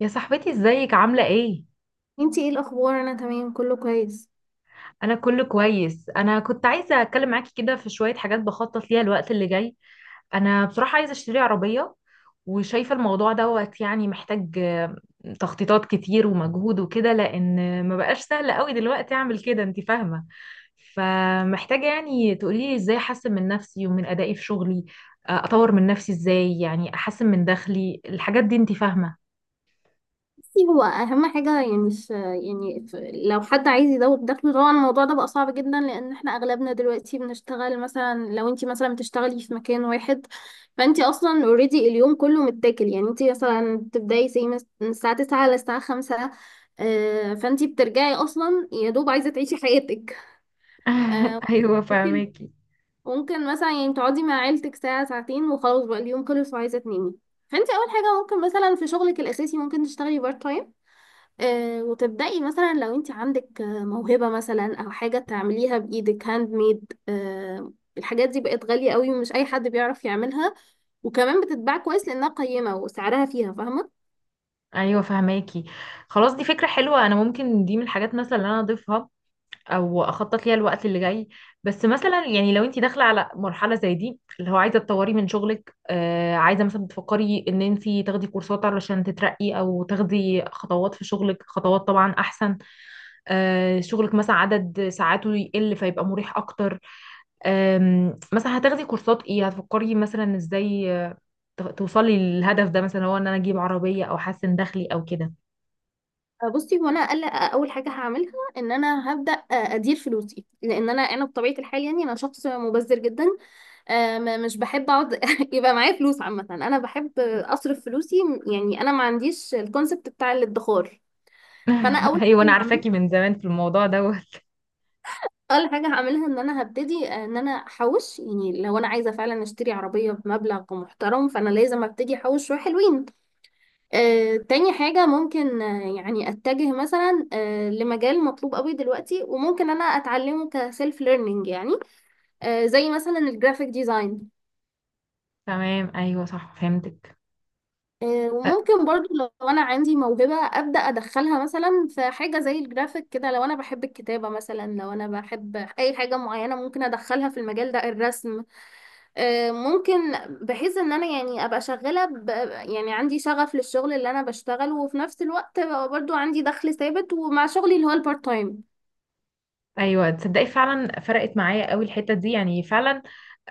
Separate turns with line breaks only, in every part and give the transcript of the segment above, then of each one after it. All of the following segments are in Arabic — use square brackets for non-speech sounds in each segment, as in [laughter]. يا صاحبتي ازيك عاملة ايه؟
انتي ايه الاخبار؟ انا تمام كله كويس.
انا كله كويس. انا كنت عايزة اتكلم معاكي كده في شوية حاجات بخطط ليها الوقت اللي جاي. انا بصراحة عايزة اشتري عربية، وشايفة الموضوع دوت يعني محتاج تخطيطات كتير ومجهود وكده، لان ما بقاش سهل قوي دلوقتي اعمل كده، انت فاهمة؟ فمحتاجة يعني تقوليلي ازاي احسن من نفسي ومن ادائي في شغلي، اطور من نفسي ازاي، يعني احسن من دخلي الحاجات دي، انت فاهمة؟
بصي، هو اهم حاجه يعني مش يعني لو حد عايز يزود دخله طبعا الموضوع ده بقى صعب جدا لان احنا اغلبنا دلوقتي بنشتغل، مثلا لو انتي مثلا بتشتغلي في مكان واحد فانتي اصلا اوريدي اليوم كله متاكل. يعني انتي مثلا بتبداي زي من الساعه 9 للساعه 5. فانتي بترجعي اصلا يا دوب عايزه تعيشي حياتك.
[laughs]
آه،
ايوه فاهمك.
ممكن مثلا يعني تقعدي مع عيلتك ساعة ساعتين وخلاص بقى اليوم خلص وعايزة تنامي. فانت اول حاجة ممكن مثلا في شغلك الاساسي ممكن تشتغلي بارت تايم. آه، وتبدأي مثلا لو انت عندك موهبة مثلا او حاجة تعمليها بايدك هاند ميد. آه، الحاجات دي بقت غالية قوي ومش اي حد بيعرف يعملها، وكمان بتتباع كويس لانها قيمة وسعرها فيها، فاهمة؟
ايوه فهماكي. خلاص، دي فكره حلوه، انا ممكن دي من الحاجات مثلا اللي انا اضيفها او اخطط ليها الوقت اللي جاي. بس مثلا يعني لو انت داخله على مرحله زي دي، اللي هو عايزه تطوري من شغلك، عايزه مثلا بتفكري ان انت تاخدي كورسات علشان تترقي، او تاخدي خطوات في شغلك، خطوات طبعا احسن. شغلك مثلا عدد ساعاته يقل، فيبقى مريح اكتر. مثلا هتاخدي كورسات ايه، هتفكري مثلا ازاي توصلي للهدف ده، مثلا هو ان انا اجيب عربيه او احسن دخلي او كده.
بصي، هو انا اقل اول حاجه هعملها ان انا هبدا ادير فلوسي، لان انا بطبيعه الحال يعني انا شخص مبذر جدا. مش بحب اقعد [laughs] يبقى معايا فلوس، عامه انا بحب اصرف فلوسي. يعني انا ما عنديش الكونسبت بتاع الادخار. فانا اول
[laughs] ايوه انا
حاجه هعملها،
عارفاكي من زمان في الموضوع دوت.
اول حاجه هعملها ان انا هبتدي ان انا احوش. يعني لو انا عايزه فعلا اشتري عربيه بمبلغ محترم فانا لازم ابتدي احوش شويه حلوين. تاني حاجة ممكن، يعني أتجه مثلا لمجال مطلوب قوي دلوقتي وممكن أنا أتعلمه كسيلف ليرنينج، يعني. زي مثلا الجرافيك ديزاين.
تمام، ايوه، صح، فهمتك. أ-
وممكن برضو لو أنا عندي موهبة أبدأ أدخلها مثلا في حاجة زي الجرافيك كده، لو أنا بحب الكتابة مثلا، لو أنا بحب أي حاجة معينة ممكن أدخلها في المجال ده، الرسم. ممكن بحيث ان انا يعني ابقى شغاله يعني عندي شغف للشغل اللي انا بشتغله، وفي نفس الوقت أبقى برضو عندي دخل ثابت ومع شغلي اللي هو البارت تايم.
ايوه تصدقي فعلا فرقت معايا قوي الحته دي، يعني فعلا.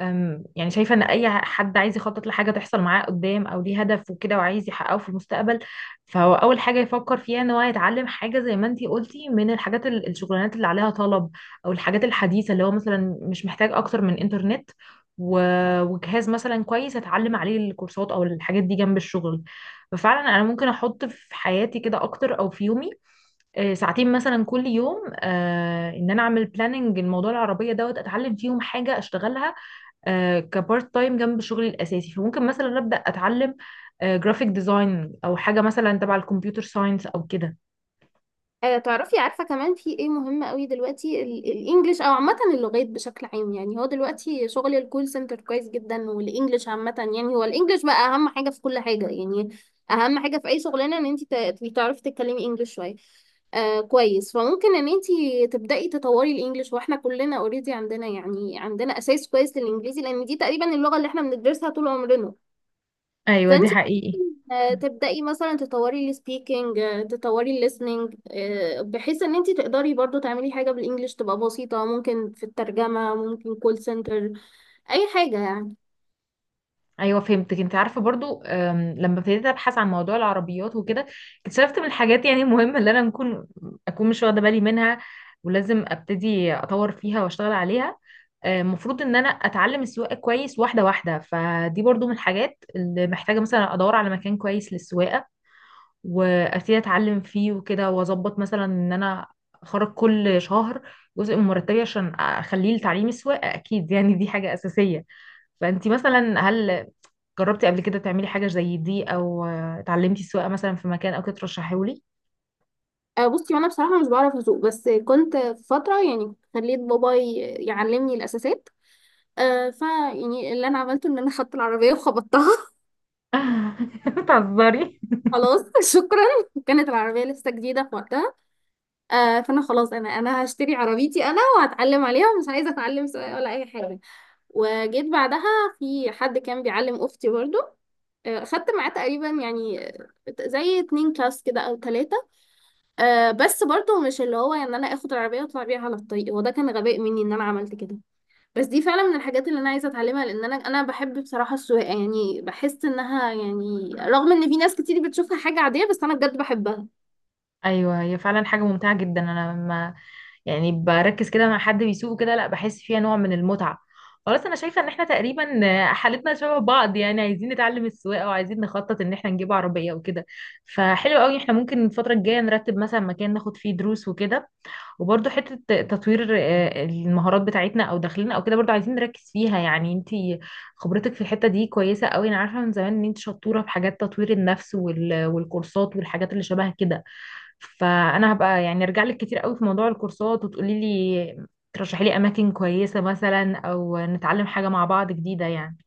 يعني شايفة ان اي حد عايز يخطط لحاجة تحصل معاه قدام، او ليه هدف وكده وعايز يحققه في المستقبل، فهو اول حاجة يفكر فيها ان هو يتعلم حاجة زي ما انتي قلتي من الحاجات الشغلانات اللي عليها طلب، او الحاجات الحديثة اللي هو مثلا مش محتاج اكتر من انترنت و- وجهاز مثلا كويس اتعلم عليه الكورسات او الحاجات دي جنب الشغل. ففعلا انا ممكن احط في حياتي كده اكتر، او في يومي ساعتين مثلا كل يوم، ان انا اعمل بلاننج الموضوع العربية دوت، اتعلم فيهم حاجة اشتغلها كبارت تايم جنب شغلي الاساسي. فممكن مثلا ابدا اتعلم جرافيك ديزاين، او حاجه مثلا تبع الكمبيوتر ساينس او كده.
تعرفي، عارفة كمان في ايه مهم قوي دلوقتي؟ الانجليش او عامة اللغات بشكل عام. يعني هو دلوقتي شغل الكول سنتر كويس جدا، والانجليش عامة، يعني هو الانجليش بقى اهم حاجة في كل حاجة. يعني اهم حاجة في اي شغلانة ان انت تبقي تعرفي تتكلمي انجليش شوية. آه كويس، فممكن ان انت تبدأي تطوري الانجليش. واحنا كلنا اوريدي عندنا، يعني عندنا اساس كويس للانجليزي لان دي تقريبا اللغة اللي احنا بندرسها طول عمرنا.
ايوه دي
فانت
حقيقي.
تبدأي مثلا تطوري السبيكينج، تطوري الليسننج، بحيث ان انت تقدري برضو تعملي حاجة بالانجلش تبقى بسيطة، ممكن في الترجمة، ممكن كول سنتر، اي حاجة يعني.
ايوه فهمتك. انت عارفه برضو، لما ابتديت ابحث عن موضوع العربيات وكده، اكتشفت من الحاجات يعني المهمه اللي انا اكون مش واخده بالي منها، ولازم ابتدي اطور فيها واشتغل عليها. المفروض ان انا اتعلم السواقه كويس واحده واحده، فدي برضو من الحاجات اللي محتاجه مثلا ادور على مكان كويس للسواقه، وابتدي اتعلم فيه وكده، واظبط مثلا ان انا اخرج كل شهر جزء من مرتبي عشان اخليه لتعليم السواقه، اكيد يعني دي حاجه اساسيه. فانتي مثلا هل جربتي قبل كده تعملي حاجه زي دي، او اتعلمتي السواقه مثلا في مكان او كده ترشحيهولي؟
بصي، انا بصراحة مش بعرف اسوق، بس كنت في فترة يعني خليت بابا يعلمني الاساسات. آه، ف يعني اللي انا عملته ان انا خدت العربية وخبطتها [laughs]
[laughs] بتهزري؟
خلاص، شكرا. كانت العربية لسه جديدة في وقتها. فانا خلاص، انا هشتري عربيتي انا وهتعلم عليها، ومش عايزة اتعلم سواقة ولا اي حاجة. وجيت بعدها في حد كان بيعلم اختي برضو. خدت معاه تقريبا يعني، زي اتنين كلاس كده او تلاتة. بس برضو مش اللي هو ان انا اخد العربية واطلع بيها على الطريق، وده كان غباء مني ان انا عملت كده. بس دي فعلا من الحاجات اللي انا عايزة اتعلمها، لان انا بحب بصراحة السواقة. يعني بحس انها يعني، رغم ان في ناس كتير بتشوفها حاجة عادية، بس انا بجد بحبها.
ايوه هي فعلا حاجه ممتعه جدا. انا لما يعني بركز كده مع حد بيسوقه كده، لا بحس فيها نوع من المتعة. خلاص، انا شايفة ان احنا تقريبا حالتنا شبه بعض، يعني عايزين نتعلم السواقة، وعايزين نخطط ان احنا نجيب عربية وكده. فحلو قوي، احنا ممكن الفترة الجاية نرتب مثلا مكان ناخد فيه دروس وكده، وبرضه حتة تطوير المهارات بتاعتنا او داخلنا او كده برضه عايزين نركز فيها. يعني انتي خبرتك في الحتة دي كويسة قوي، انا عارفة من زمان ان انت شطورة في حاجات تطوير النفس وال- والكورسات والحاجات اللي شبه كده. فانا هبقى يعني ارجع لك كتير قوي في موضوع الكورسات، وتقولي لي، ترشحي لي اماكن كويسة مثلا، او نتعلم حاجة مع بعض جديدة يعني.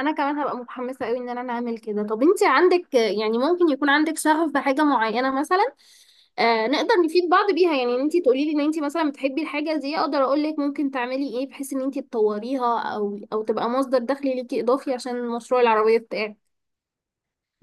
انا كمان هبقى متحمسه قوي ان انا اعمل كده. طب انت عندك، يعني ممكن يكون عندك شغف بحاجه معينه مثلا. آه، نقدر نفيد بعض بيها. يعني انت تقولي لي ان انت مثلا بتحبي الحاجه دي، اقدر اقول لك ممكن تعملي ايه بحيث ان انت تطوريها او تبقى مصدر دخل ليكي اضافي عشان مشروع العربيه بتاعك.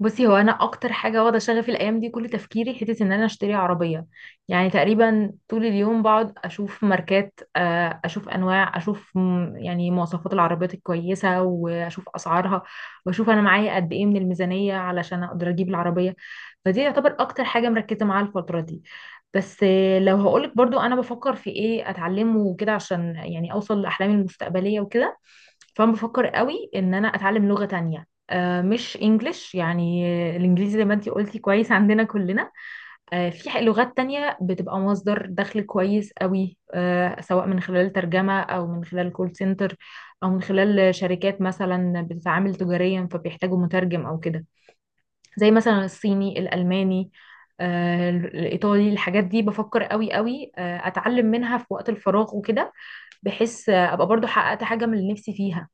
بصي، هو انا اكتر حاجه واخده شغفي الايام دي كل تفكيري، حته ان انا اشتري عربيه. يعني تقريبا طول اليوم بقعد اشوف ماركات، اشوف انواع، اشوف يعني مواصفات العربيات الكويسه، واشوف اسعارها، واشوف انا معايا قد ايه من الميزانيه علشان اقدر اجيب العربيه. فدي يعتبر اكتر حاجه مركزه معاها الفتره دي. بس لو هقولك برضو انا بفكر في ايه اتعلمه وكده عشان يعني اوصل لاحلامي المستقبليه وكده، فانا بفكر قوي ان انا اتعلم لغه تانية، مش انجليش يعني. الانجليزي زي ما انتي قلتي كويس عندنا كلنا. في لغات تانية بتبقى مصدر دخل كويس قوي، سواء من خلال ترجمة او من خلال كول سنتر، او من خلال شركات مثلا بتتعامل تجاريا فبيحتاجوا مترجم او كده. زي مثلا الصيني، الالماني، الايطالي، الحاجات دي بفكر قوي قوي اتعلم منها في وقت الفراغ وكده، بحيث ابقى برضو حققت حاجة من اللي نفسي فيها.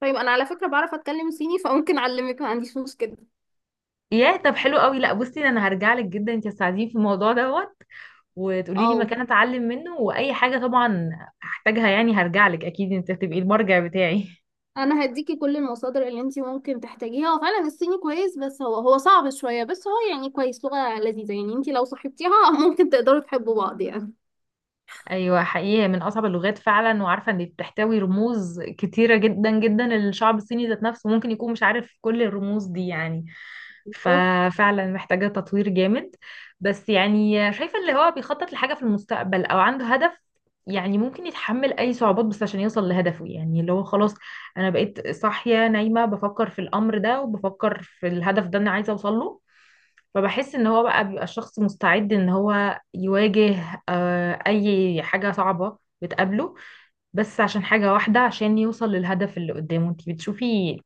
طيب انا على فكره بعرف اتكلم صيني، فممكن اعلمك، ما عنديش مشكله.
ياه طب حلو قوي. لا بصي، انا هرجع لك جدا انت تساعديني في الموضوع دوت، وتقولي لي
اه،
مكان اتعلم منه، واي حاجه طبعا هحتاجها يعني هرجع لك اكيد. انت هتبقي المرجع بتاعي. [laughs]
انا هديكي كل المصادر اللي انتي ممكن تحتاجيها. هو فعلا الصيني كويس، بس هو صعب شويه، بس هو يعني كويس، لغه لذيذه. يعني انتي لو صاحبتيها [laughs] ممكن تقدروا تحبوا بعض يعني.
ايوه حقيقي، هي من اصعب اللغات فعلا، وعارفه ان بتحتوي رموز كتيره جدا جدا. الشعب الصيني ذات نفسه ممكن يكون مش عارف كل الرموز دي يعني.
بالظبط.
ففعلا محتاجة تطوير جامد. بس يعني شايفة اللي هو بيخطط لحاجة في المستقبل أو عنده هدف، يعني ممكن يتحمل أي صعوبات بس عشان يوصل لهدفه. يعني اللي هو خلاص، أنا بقيت صاحية نايمة بفكر في الأمر ده، وبفكر في الهدف ده أنا عايزة أوصل له. فبحس إن هو بقى بيبقى الشخص مستعد إن هو يواجه أي حاجة صعبة بتقابله، بس عشان حاجة واحدة، عشان يوصل للهدف اللي قدامه. انتي بتشوفي،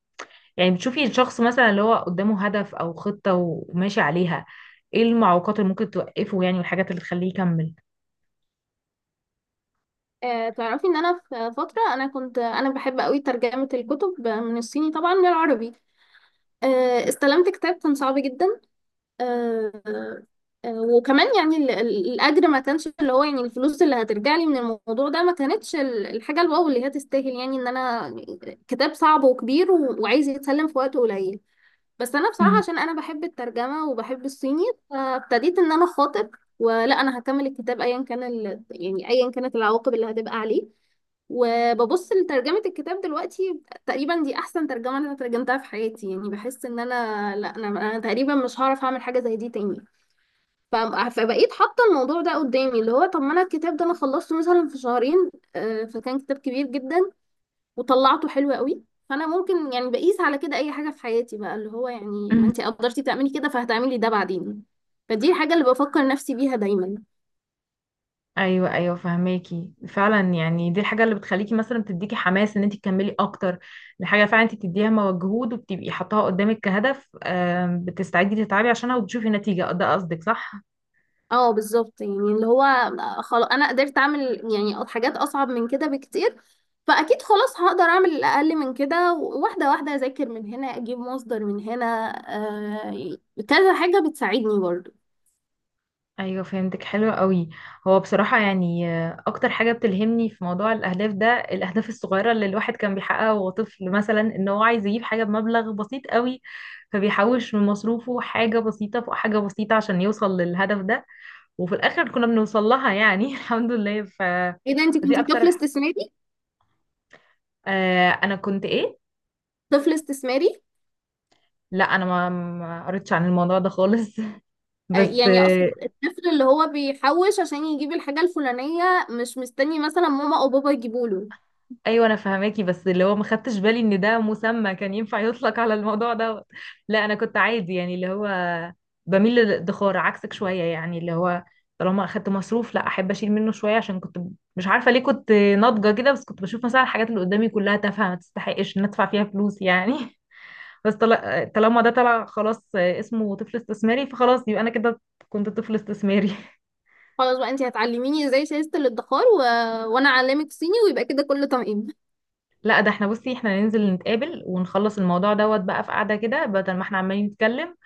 يعني بتشوفي الشخص مثلا اللي هو قدامه هدف او خطة وماشي عليها، ايه المعوقات اللي ممكن توقفه يعني، والحاجات اللي تخليه يكمل؟
آه، تعرفي ان انا في فتره انا كنت انا بحب قوي ترجمه الكتب من الصيني طبعا للعربي. آه، استلمت كتاب كان صعب جدا. آه، وكمان يعني الاجر ما كانش اللي هو، يعني الفلوس اللي هترجع لي من الموضوع ده ما كانتش الحاجه الواو اللي هي تستاهل، يعني ان انا كتاب صعب وكبير وعايز يتسلم في وقت قليل. بس انا بصراحه
مم.
عشان انا بحب الترجمه وبحب الصيني، فابتديت ان انا اخاطب، ولا انا هكمل الكتاب ايا كان يعني ايا كانت العواقب اللي هتبقى عليه. وببص لترجمه الكتاب دلوقتي، تقريبا دي احسن ترجمه انا ترجمتها في حياتي. يعني بحس ان انا لا انا, أنا تقريبا مش هعرف اعمل حاجه زي دي تاني. ف- فبقيت حاطه الموضوع ده قدامي اللي هو، طب ما انا الكتاب ده انا خلصته مثلا في شهرين. فكان كتاب كبير جدا وطلعته حلو قوي. فانا ممكن يعني بقيس على كده اي حاجه في حياتي بقى، اللي هو يعني ما
مم.
انت قدرتي تعملي كده فهتعملي ده بعدين. فدي الحاجه اللي بفكر نفسي بيها دايما.
ايوه ايوه فهماكي فعلا. يعني دي الحاجه اللي بتخليكي مثلا، بتديكي حماس ان انت تكملي اكتر. الحاجه فعلا انت بتديها مجهود وبتبقي حاطاها قدامك كهدف، بتستعدي تتعبي عشانها، وبتشوفي نتيجه، ده قصدك صح؟
اه بالظبط، يعني اللي هو خلاص انا قدرت اعمل يعني حاجات اصعب من كده بكتير، فاكيد خلاص هقدر اعمل الاقل من كده. واحده واحده اذاكر من هنا اجيب مصدر من هنا، آه، كذا حاجه بتساعدني برضو.
ايوه فهمتك، حلو قوي. هو بصراحه يعني اكتر حاجه بتلهمني في موضوع الاهداف ده، الاهداف الصغيره اللي الواحد كان بيحققها وهو طفل، مثلا ان هو عايز يجيب حاجه بمبلغ بسيط قوي، فبيحوش من مصروفه حاجه بسيطه فوق حاجه بسيطه عشان يوصل للهدف ده، وفي الاخر كنا بنوصل لها يعني. [laughs] الحمد لله، ف
ايه ده، انت
دي
كنتي طفل
اكتر.
استثماري؟
آه، انا كنت ايه؟
طفل استثماري.
لا انا ما قريتش عن الموضوع ده خالص. [laughs] بس
يعني اقصد الطفل اللي هو بيحوش عشان يجيب الحاجة الفلانية مش مستني مثلا ماما او بابا يجيبوا له.
ايوه انا فهماكي، بس اللي هو ما خدتش بالي ان ده مسمى كان ينفع يطلق على الموضوع دوت. لا انا كنت عادي، يعني اللي هو بميل للادخار عكسك شويه، يعني اللي هو طالما اخدت مصروف، لا احب اشيل منه شويه. عشان كنت مش عارفه ليه كنت ناضجه كده، بس كنت بشوف مثلا الحاجات اللي قدامي كلها تافهه، ما تستحقش ان ادفع فيها فلوس يعني. [laughs] بس طالما ده طلع خلاص اسمه طفل استثماري، فخلاص يبقى انا كده كنت طفل استثماري. [laughs]
خلاص بقى، انتي هتعلميني ازاي شايزة الادخار وانا اعلمك صيني ويبقى كده كله تمام.
لا ده احنا، بصي احنا ننزل نتقابل ونخلص الموضوع دوت بقى في قعده كده، بدل ما احنا عمالين نتكلم،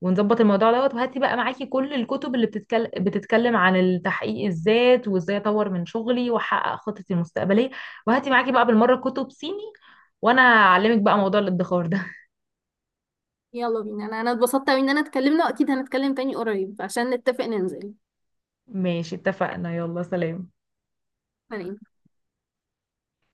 ونظبط الموضوع دوت. وهاتي بقى معاكي كل الكتب اللي بتتكلم عن التحقيق الذات، وازاي اطور من شغلي واحقق خطتي المستقبليه. وهاتي معاكي بقى بالمره كتب صيني، وانا هعلمك بقى موضوع الادخار ده. [laughs]
[laughs] يلا بينا، انا اتبسطت اوي ان انا اتكلمنا، واكيد هنتكلم تاني قريب عشان نتفق ننزل.
ماشي، اتفقنا، يلا سلام.
تمام.